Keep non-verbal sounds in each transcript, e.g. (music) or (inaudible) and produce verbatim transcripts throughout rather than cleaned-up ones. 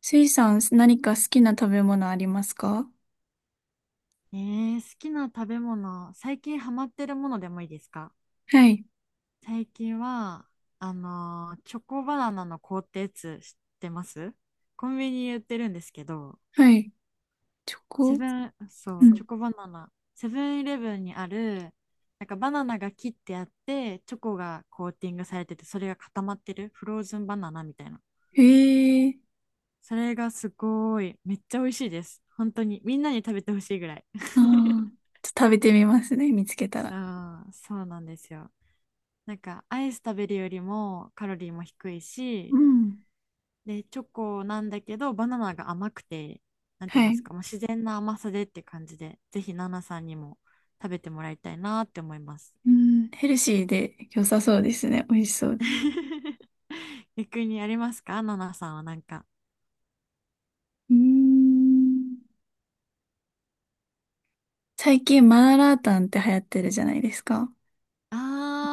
スイさん、何か好きな食べ物ありますか？えー、好きな食べ物、最近ハマってるものでもいいですか？はい、最近は、あのーチョコバナナの凍ったやつ知ってます？コンビニに売ってるんですけど、はい。チョセコ。ブン、そうう、チん。ョコバナナ、セブンイレブンにある、なんかバナナが切ってあって、チョコがコーティングされてて、それが固まってる、フローズンバナナみたいな。へえ。それがすごい、めっちゃ美味しいです。本当に、みんなに食べてほしいぐらい。あ (laughs) あー、ちょっと食べてみますね、見つけたそら。う、そうなんですよ。なんかアイス食べるよりもカロリーも低いうし、ん。で、チョコなんだけど、バナナが甘くて、なんていうんはですい。か、もう自然な甘さでって感じで、ぜひナナさんにも食べてもらいたいなって思います。うん、ヘルシーで良さそうですね。美味しそうです。(laughs) 逆にありますか？ナナさんはなんか。うーん。最近、マーラータンって流行ってるじゃないですか。わか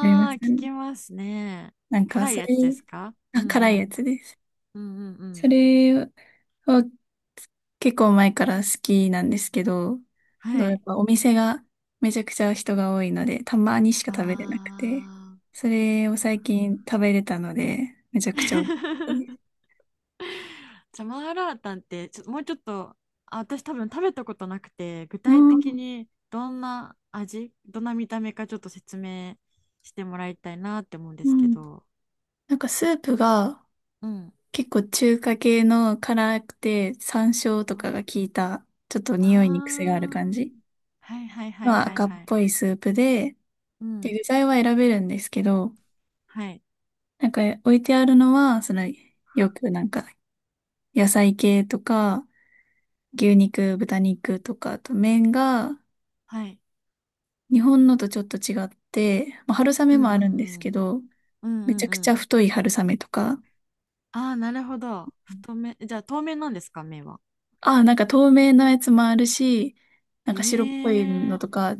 りますー、か聞ね。きますね。なんか、辛いそやれ、つですか？うんあ、う辛いやん。つです。うんうんうそん。れを結構前から好きなんですけど、そはやっい。ぱお店がめちゃくちゃ人が多いので、たまにしか食べれなくて、あそれを最近食べれたので、めちゃくちゃ美味しかったでー。す。(laughs) じゃあマーラータンってちょもうちょっと、あ私多分食べたことなくて、具う体的ん。にどんな味、どんな見た目かちょっと説明してもらいたいなって思うんでうすけん。ど。なんかスープがうん。結構中華系の辛くて山椒とかがあ効いた、ちょっとあ匂いに癖がある感じー。はいはいはいのはい赤っはい。ぽいスープで、うで、ん。具材は選べるんですけど、はいなんか置いてあるのは、その、よくなんか野菜系とか、牛肉、豚肉とか、あと麺がはい。日本のとちょっと違って、まあ、春う雨んうもあるんですんけど、うんうん。めちうゃんくうちゃん。太い春雨とか、ああ、なるほど、太めじゃあ透明なんですか、麺は？ああ、なんか透明なやつもあるし、なえんか白っぽいえのー、とか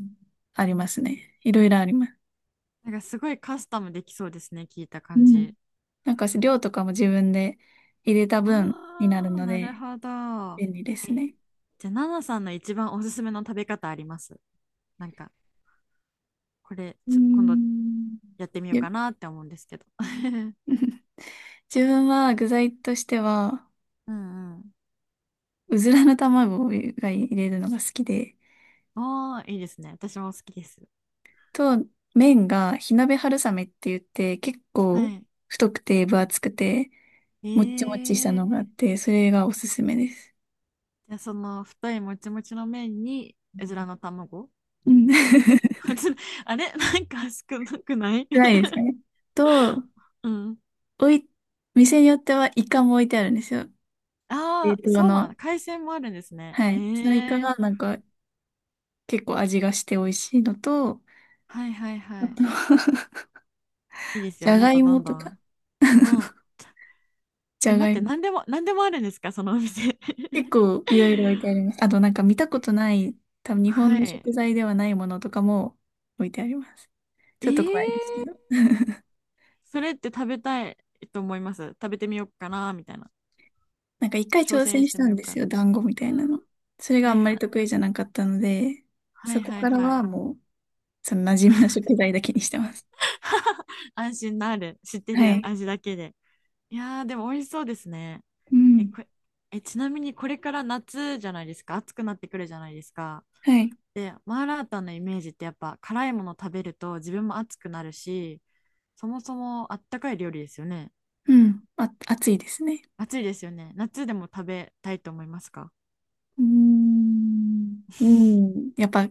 ありますね。いろいろあります。なんかすごいカスタムできそうですね、聞いたう感ん。じ。なんか量とかも自分で入れた分になるああ、のなるでほど。便利ですえ、ね。じゃあ、ナナさんの一番おすすめの食べ方あります？なんか、これ、うーちょ、今度ん。やってみようで、 かなって思うんですけど。(laughs) (laughs) 自分は具材としては、うんうん。うずらの卵が入れるのが好きで、おー、いいですね。私も好きです。と、麺が火鍋春雨って言って、結は構い。太くて分厚くて、えもっちもっちしたのがあっー、て、それがおすすめです。じゃあ、その太いもちもちの麺に、うずらの卵うん。おに (laughs) (laughs) うずら (laughs) あれなんか少なくない？ 辛い (laughs) ですね。と、うん。おい、店によってはイカも置いてあるんですよ。(laughs) 冷ああ、凍そうなの。ん。海鮮もあるんですね。はえい。そのイカえー、がなんか結構味がして美味しいのと、はいはいあはい。と、 (laughs) いいですじよ。ゃもっがといどもんどとか、ん。うん。じえ、ゃ待がっいて、も。何でも、(laughs) 何でもあるんですか、そのお店。(laughs) 結構いろいろ置いてあります。あとなんか見たことない、多分日本はのい。食材ではないものとかも置いてあります。えちょっと怖いですけー、ど。それって食べたいと思います。食べてみようかな、みたいな。なんか一回挑挑戦戦ししてたみよんうでかすな。よ、団子みたいうなん。の。それがはあいんはまい、りな得意じゃなかったので、はそいこはいからははい。もう、その馴染みの食材だけにしてます。安心なる。知ってはるい。味だけで。いやー、でも美味しそうですね。うえ、ん。これ、え、ちなみにこれから夏じゃないですか。暑くなってくるじゃないですか。はい。で、マーラータンのイメージってやっぱ辛いもの食べると自分も暑くなるし、そもそもあったかい料理ですよね。うん。あ、暑いですね。暑いですよね。夏でも食べたいと思いますか？ うーん。うん。やっぱ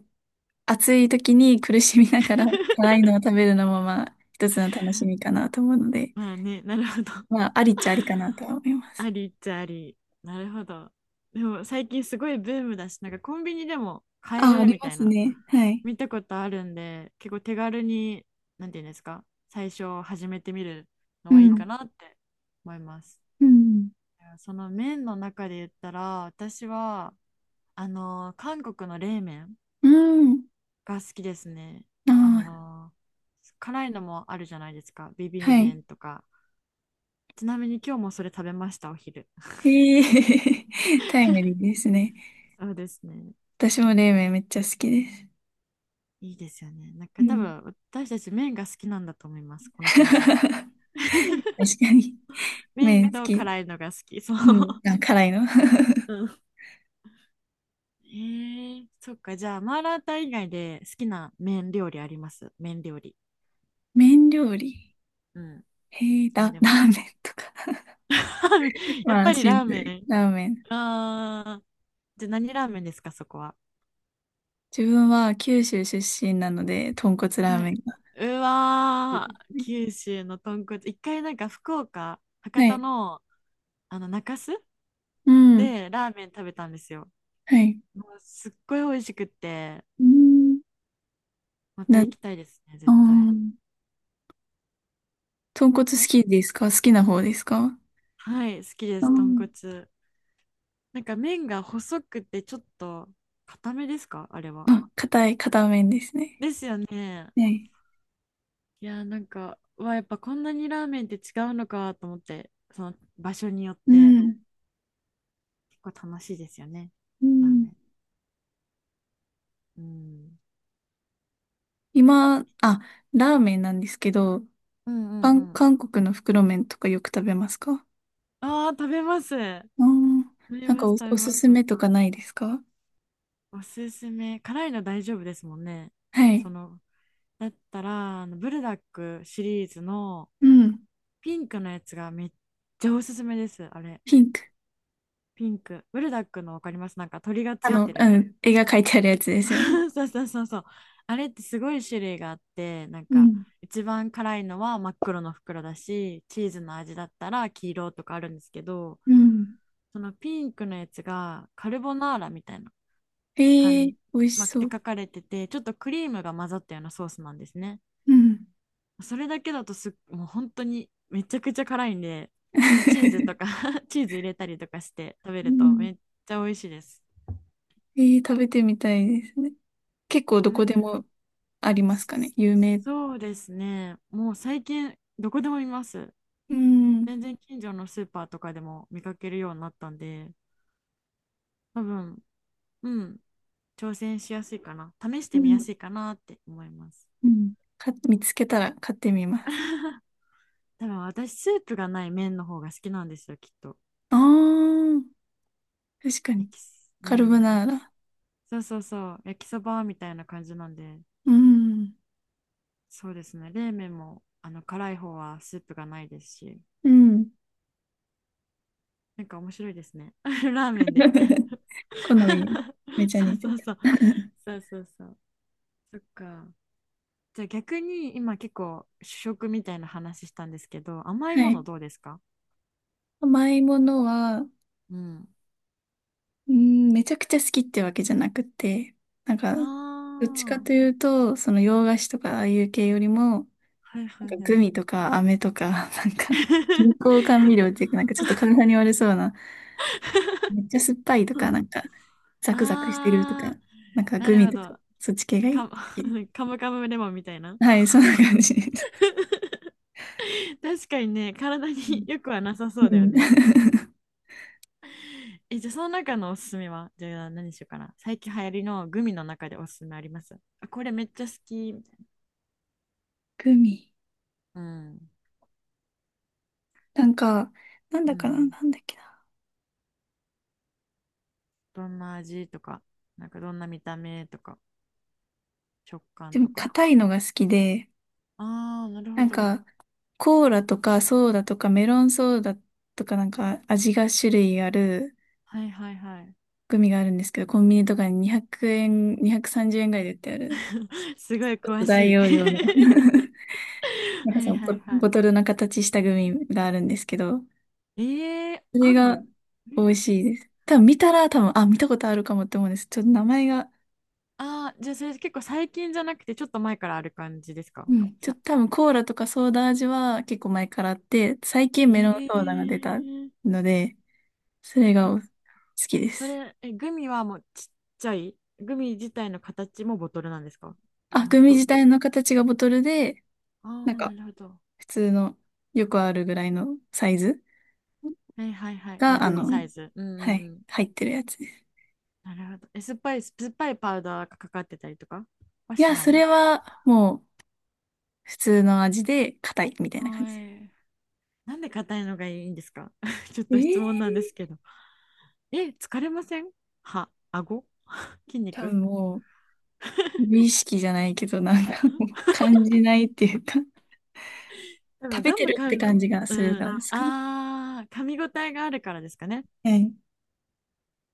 暑い時に苦しみながら辛 (laughs) いのを食べるのもまあ一つの楽しみかなと思うので、まあね、なるほど。まあありっちゃありかなとは (laughs) 思いまあす。りっちゃあり。なるほど。でも最近すごいブームだし、なんかコンビニでも買えあ、あるりみまたいすな、ね。はい。見たことあるんで、結構手軽に、なんていうんですか、最初始めてみるのうはいいん。かなって思います。うん。その麺の中で言ったら私は、あの、韓国の冷麺うん。が好きですね。ああ、あの、辛いのもあるじゃないですか、ビビンはい。麺とか。ちなみに今日もそれ食べました、お昼。 へえ、(laughs) タイムリーで (laughs) すね。そうですね。私も冷麺めっちゃ好きです。いいですよね、なんかう多ん。分私たち麺が好きなんだと思いま (laughs) す、この感じ。確かに。麺麺好とき。辛いのが好きそう。うん。あ、辛いの。うん。えー、そっか。じゃあマーラータン以外で好きな麺料理あります？麺料理。 (laughs) 麺料理。うん。へえ、何ラ、でラも。ーメンとか。ラーメ (laughs) ン。 (laughs) やっまぱあ、りシンラープメル。ラーメン。ン。ああ。じゃあ何ラーメンですか、そこは。自分は九州出身なので、豚骨ラーはメンい。が好うきわでー、すね。九州の豚骨。一回なんか福岡、博は多い。の、あの中洲うん。でラーメン食べたんですよ。はい。もうすっごい美味しくって、うん。またな、行きあたいですね、ー、絶対。豚骨好きんですか？好きな方ですか？はい、好きでうす、豚ん。骨。なんか麺が細くてちょっと固めですか、あれは。あ、硬い、硬麺ですね。ですよね。はい。いやー、なんかうわ、やっぱこんなにラーメンって違うのかと思って、その場所によっうてん。結構楽しいですよね、うラーん。メン。うん今、あ、ラーメンなんですけど、うんうん韓、うん。韓国の袋麺とかよく食べますか？ああー、食べます、あー、食べなんまかす、お、食べおすますす。めとかないですか？おすすめ、辛いの大丈夫ですもんね。はい。そのだったら、あのブルダックシリーズのうん。ピンクのやつがめっちゃおすすめです。あれ、ピンク。ピンクブルダックのわかります？なんか鳥があついの、てうる。 ん。絵が描いてあるやつですよね。(laughs) そうそうそうそうそう。あれってすごい種類があって、なんうかん。一番辛いのは真っ黒の袋だし、チーズの味だったら黄色とかあるんですけど、うん。そのピンクのやつがカルボナーラみたいなへ感え、じ、美味しまあっそてう。書かれてて、ちょっとクリームが混ざったようなソースなんですね。うん。それだけだとすっ、もう本当にめちゃくちゃ辛いんで、まあ、チーズとか (laughs) (laughs) チーズ入れたりとかして食べうるとん。めっちゃ美味しいです。へえ、食べてみたいですね。結構ど食こでべもありますかね。有名。そうですね。もう最近、どこでも見ます。うん。全然近所のスーパーとかでも見かけるようになったんで、多分、うん、挑戦しやすいかな。試しうてみやん。すいかなって思います。うん。か、見つけたら買ってみます。多分私、スープがない麺の方が好きなんですよ、きっと。ああ。確かに。焼きす、うカルボん、やナーラ。そうそうそう、焼きそばみたいな感じなんで、うん。そうですね。冷麺も、あの、辛い方はスープがないですし、うん。なんか面白いですね。(laughs) ラーメンで (laughs) 好み、(laughs) めちゃそう似てそうた。そう。(laughs) そうそうそう。そっか。じゃあ逆に今結構主食みたいな話したんですけど、甘いはもい。のどうですか？甘いものは、うん。うん、めちゃくちゃ好きってわけじゃなくて、なんか、あどっちかあ、というと、その洋菓子とかああいう系よりも、はいなはんいかはグい。ミとか飴とか、(laughs) なんか、人工 (laughs) 甘ちょっ味料と、っていうか、なんかちょっと体に悪そうな、めっちゃ酸っぱいとか、なんか、ザクザクしてるとあか、あ、なんかなグるミほとか、ど。そっち系がいい。か、好 (laughs) きです。カムカムレモンみたいな。はい、そんな感じです。確かにね、体によくはなさうそうだよん。ね。(laughs) え、じゃあその中のおすすめは、じゃあ何にしようかな。最近流行りのグミの中でおすすめあります？あ、これめっちゃ好き。グミ。うん。なんか、なんうだかな、ん。なんだっけな。どんな味とか、なんかどんな見た目とか、食で感も、とか。硬いのが好きで、ああ、なるほなんど。か、コーラとかソーダとかメロンソーダとかなんか味が種類あるはいはいはい。グミがあるんですけど、コンビニとかににひゃくえん、にひゃくさんじゅうえんぐらいで売ってある。(laughs) すごいちょっ詳と大しい。容量の、 (laughs) (laughs) なんかはそいのボ、はいはボトルの形したグミがあるんですけど、い。えー、それあがるあり美味ますっしいけ？です。多分見たら多分、あ、見たことあるかもって思うんです。ちょっと名前が、ああー、じゃあそれ結構最近じゃなくてちょっと前からある感じですか？うん。ちょっさ、と多分コーラとかソーダ味は結構前からあって、最近えメロンソーダが出たー、ので、それがあお好きでそす。れ、え、グミはもうちっちゃい、グミ自体の形もボトルなんですか？あ、グミと、自体と。の形がボトルで、あなんあ、なかるほど。普通のよくあるぐらいのサイズはいはいはい。まあ、が、あグミサの、イズ。うんうはんうい、ん。入ってるやつです。なるほど。え、酸っぱい、酸っぱいパウダーがかかってたりとかはいしや、なそい？れはもう普通の味で硬いみたいな感はじ。い。なんで硬いのがいいんですか？ (laughs) ちょっとえ質問なんえ、ですけど。え、疲れません？歯、顎、筋多肉。分もう、無意識じゃないけど、なんかもう感じないっていうか、多食分べガてムるっかてん、感じがうするかん、らですかね。あー、噛み応えがあるからですかね。はい。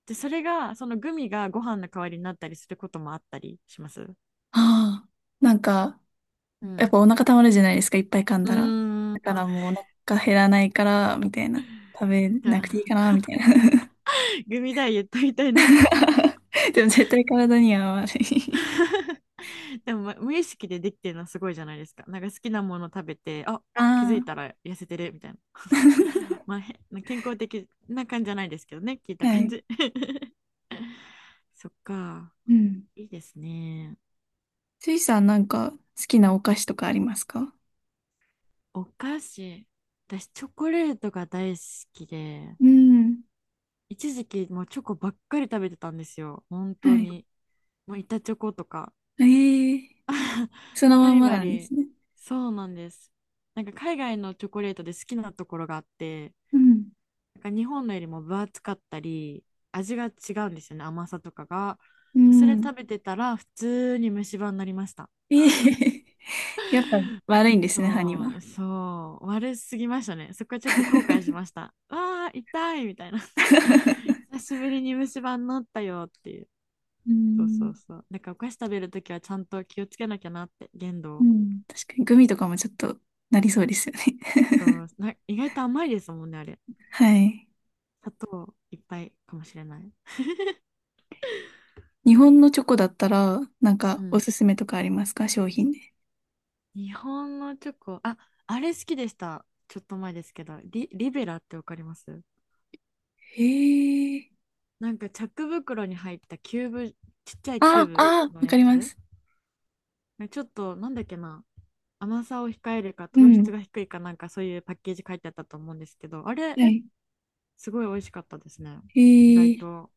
で、それが、そのグミがご飯の代わりになったりすることもあったりします？ああ、なんか、うやっぱん。お腹たまるじゃないですか、いっぱい噛んうだら。ーん。だからもうお腹減らないから、みたいな。食べじなゃくていいかあな、みたいな。グミダイエットみたいな。 (laughs) でも絶対体には悪い。(laughs) でも、ま無意識でできてるのはすごいじゃないですか。なんか好きなもの食べて、あ、あ気づいたあ。ら痩せてるみたいな。(laughs) (laughs) まあ、へ健康的な感じじゃないですけどね、聞いたは感い。じ。(laughs) そっか、うん。いいですね。スイさんなんか好きなお菓子とかありますか？お菓子、私、チョコレートが大好きで、うん。一時期もうチョコばっかり食べてたんですよ、本当はい。に。もう板チョコとか。ええ、 (laughs) そのバまんリまバなんでリ、すね。そうなんです。なんか海外のチョコレートで好きなところがあって、うん。なんか日本のよりも分厚かったり、味が違うんですよね、甘さとかが。うそれ食ん。べてたら、普通に虫歯になりました。ええ、 (laughs) やっぱ悪いんですね、歯には。そう、そう、悪すぎましたね。そこはちょっと後悔し (laughs) ました。わあ、痛いみたいな。(laughs) 久しぶりに虫歯になったよっていう。うそうそん。うそう。なんかお菓子食べるときはちゃんと気をつけなきゃなって、限度うを。ん。確かにグミとかもちょっとなりそうですよね。そう、な、意外と甘いですもんね、あれ。(laughs) はい。砂糖いっぱいかもしれない。日本のチョコだったら、なんうかおん。すすめとかありますか？商品で。日本のチョコ、あ、あれ好きでした。ちょっと前ですけど、リ、リベラってわかります？へえ。なんかチャック袋に入ったキューブ、ちっちゃいキューあ、ブあ、のわやかりつ。ます。ねちょっと、なんだっけな、甘さを控えるかう糖質ん。が低いかなんかそういうパッケージ書いてあったと思うんですけど、あれ、はい。すごい美味しかったですね。意へ外え。と。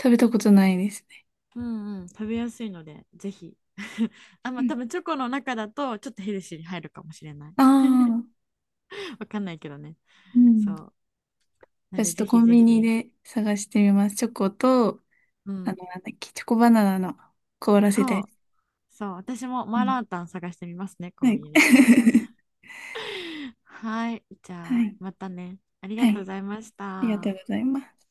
食べたことないですね。うんうん、食べやすいので、ぜひ。(laughs) あ、うまあ多ん。分チョコの中だとちょっとヘルシーに入るかもしれない。ああ。(laughs) わかんないけどね。うそん。う。なじんゃあで、ちょっぜとコひンぜビニひ。で探してみます。チョコと、うあの、ん。なんだっけ、チョコバナナの凍らせたそやう。つ。そう、私もうマーん。ラータン探してみますね、コはンい。ビニで。じゃあ。(laughs) はい。じはゃあ、い。またね。ありがはとうごい。ざいましありがとうごた。ざいます。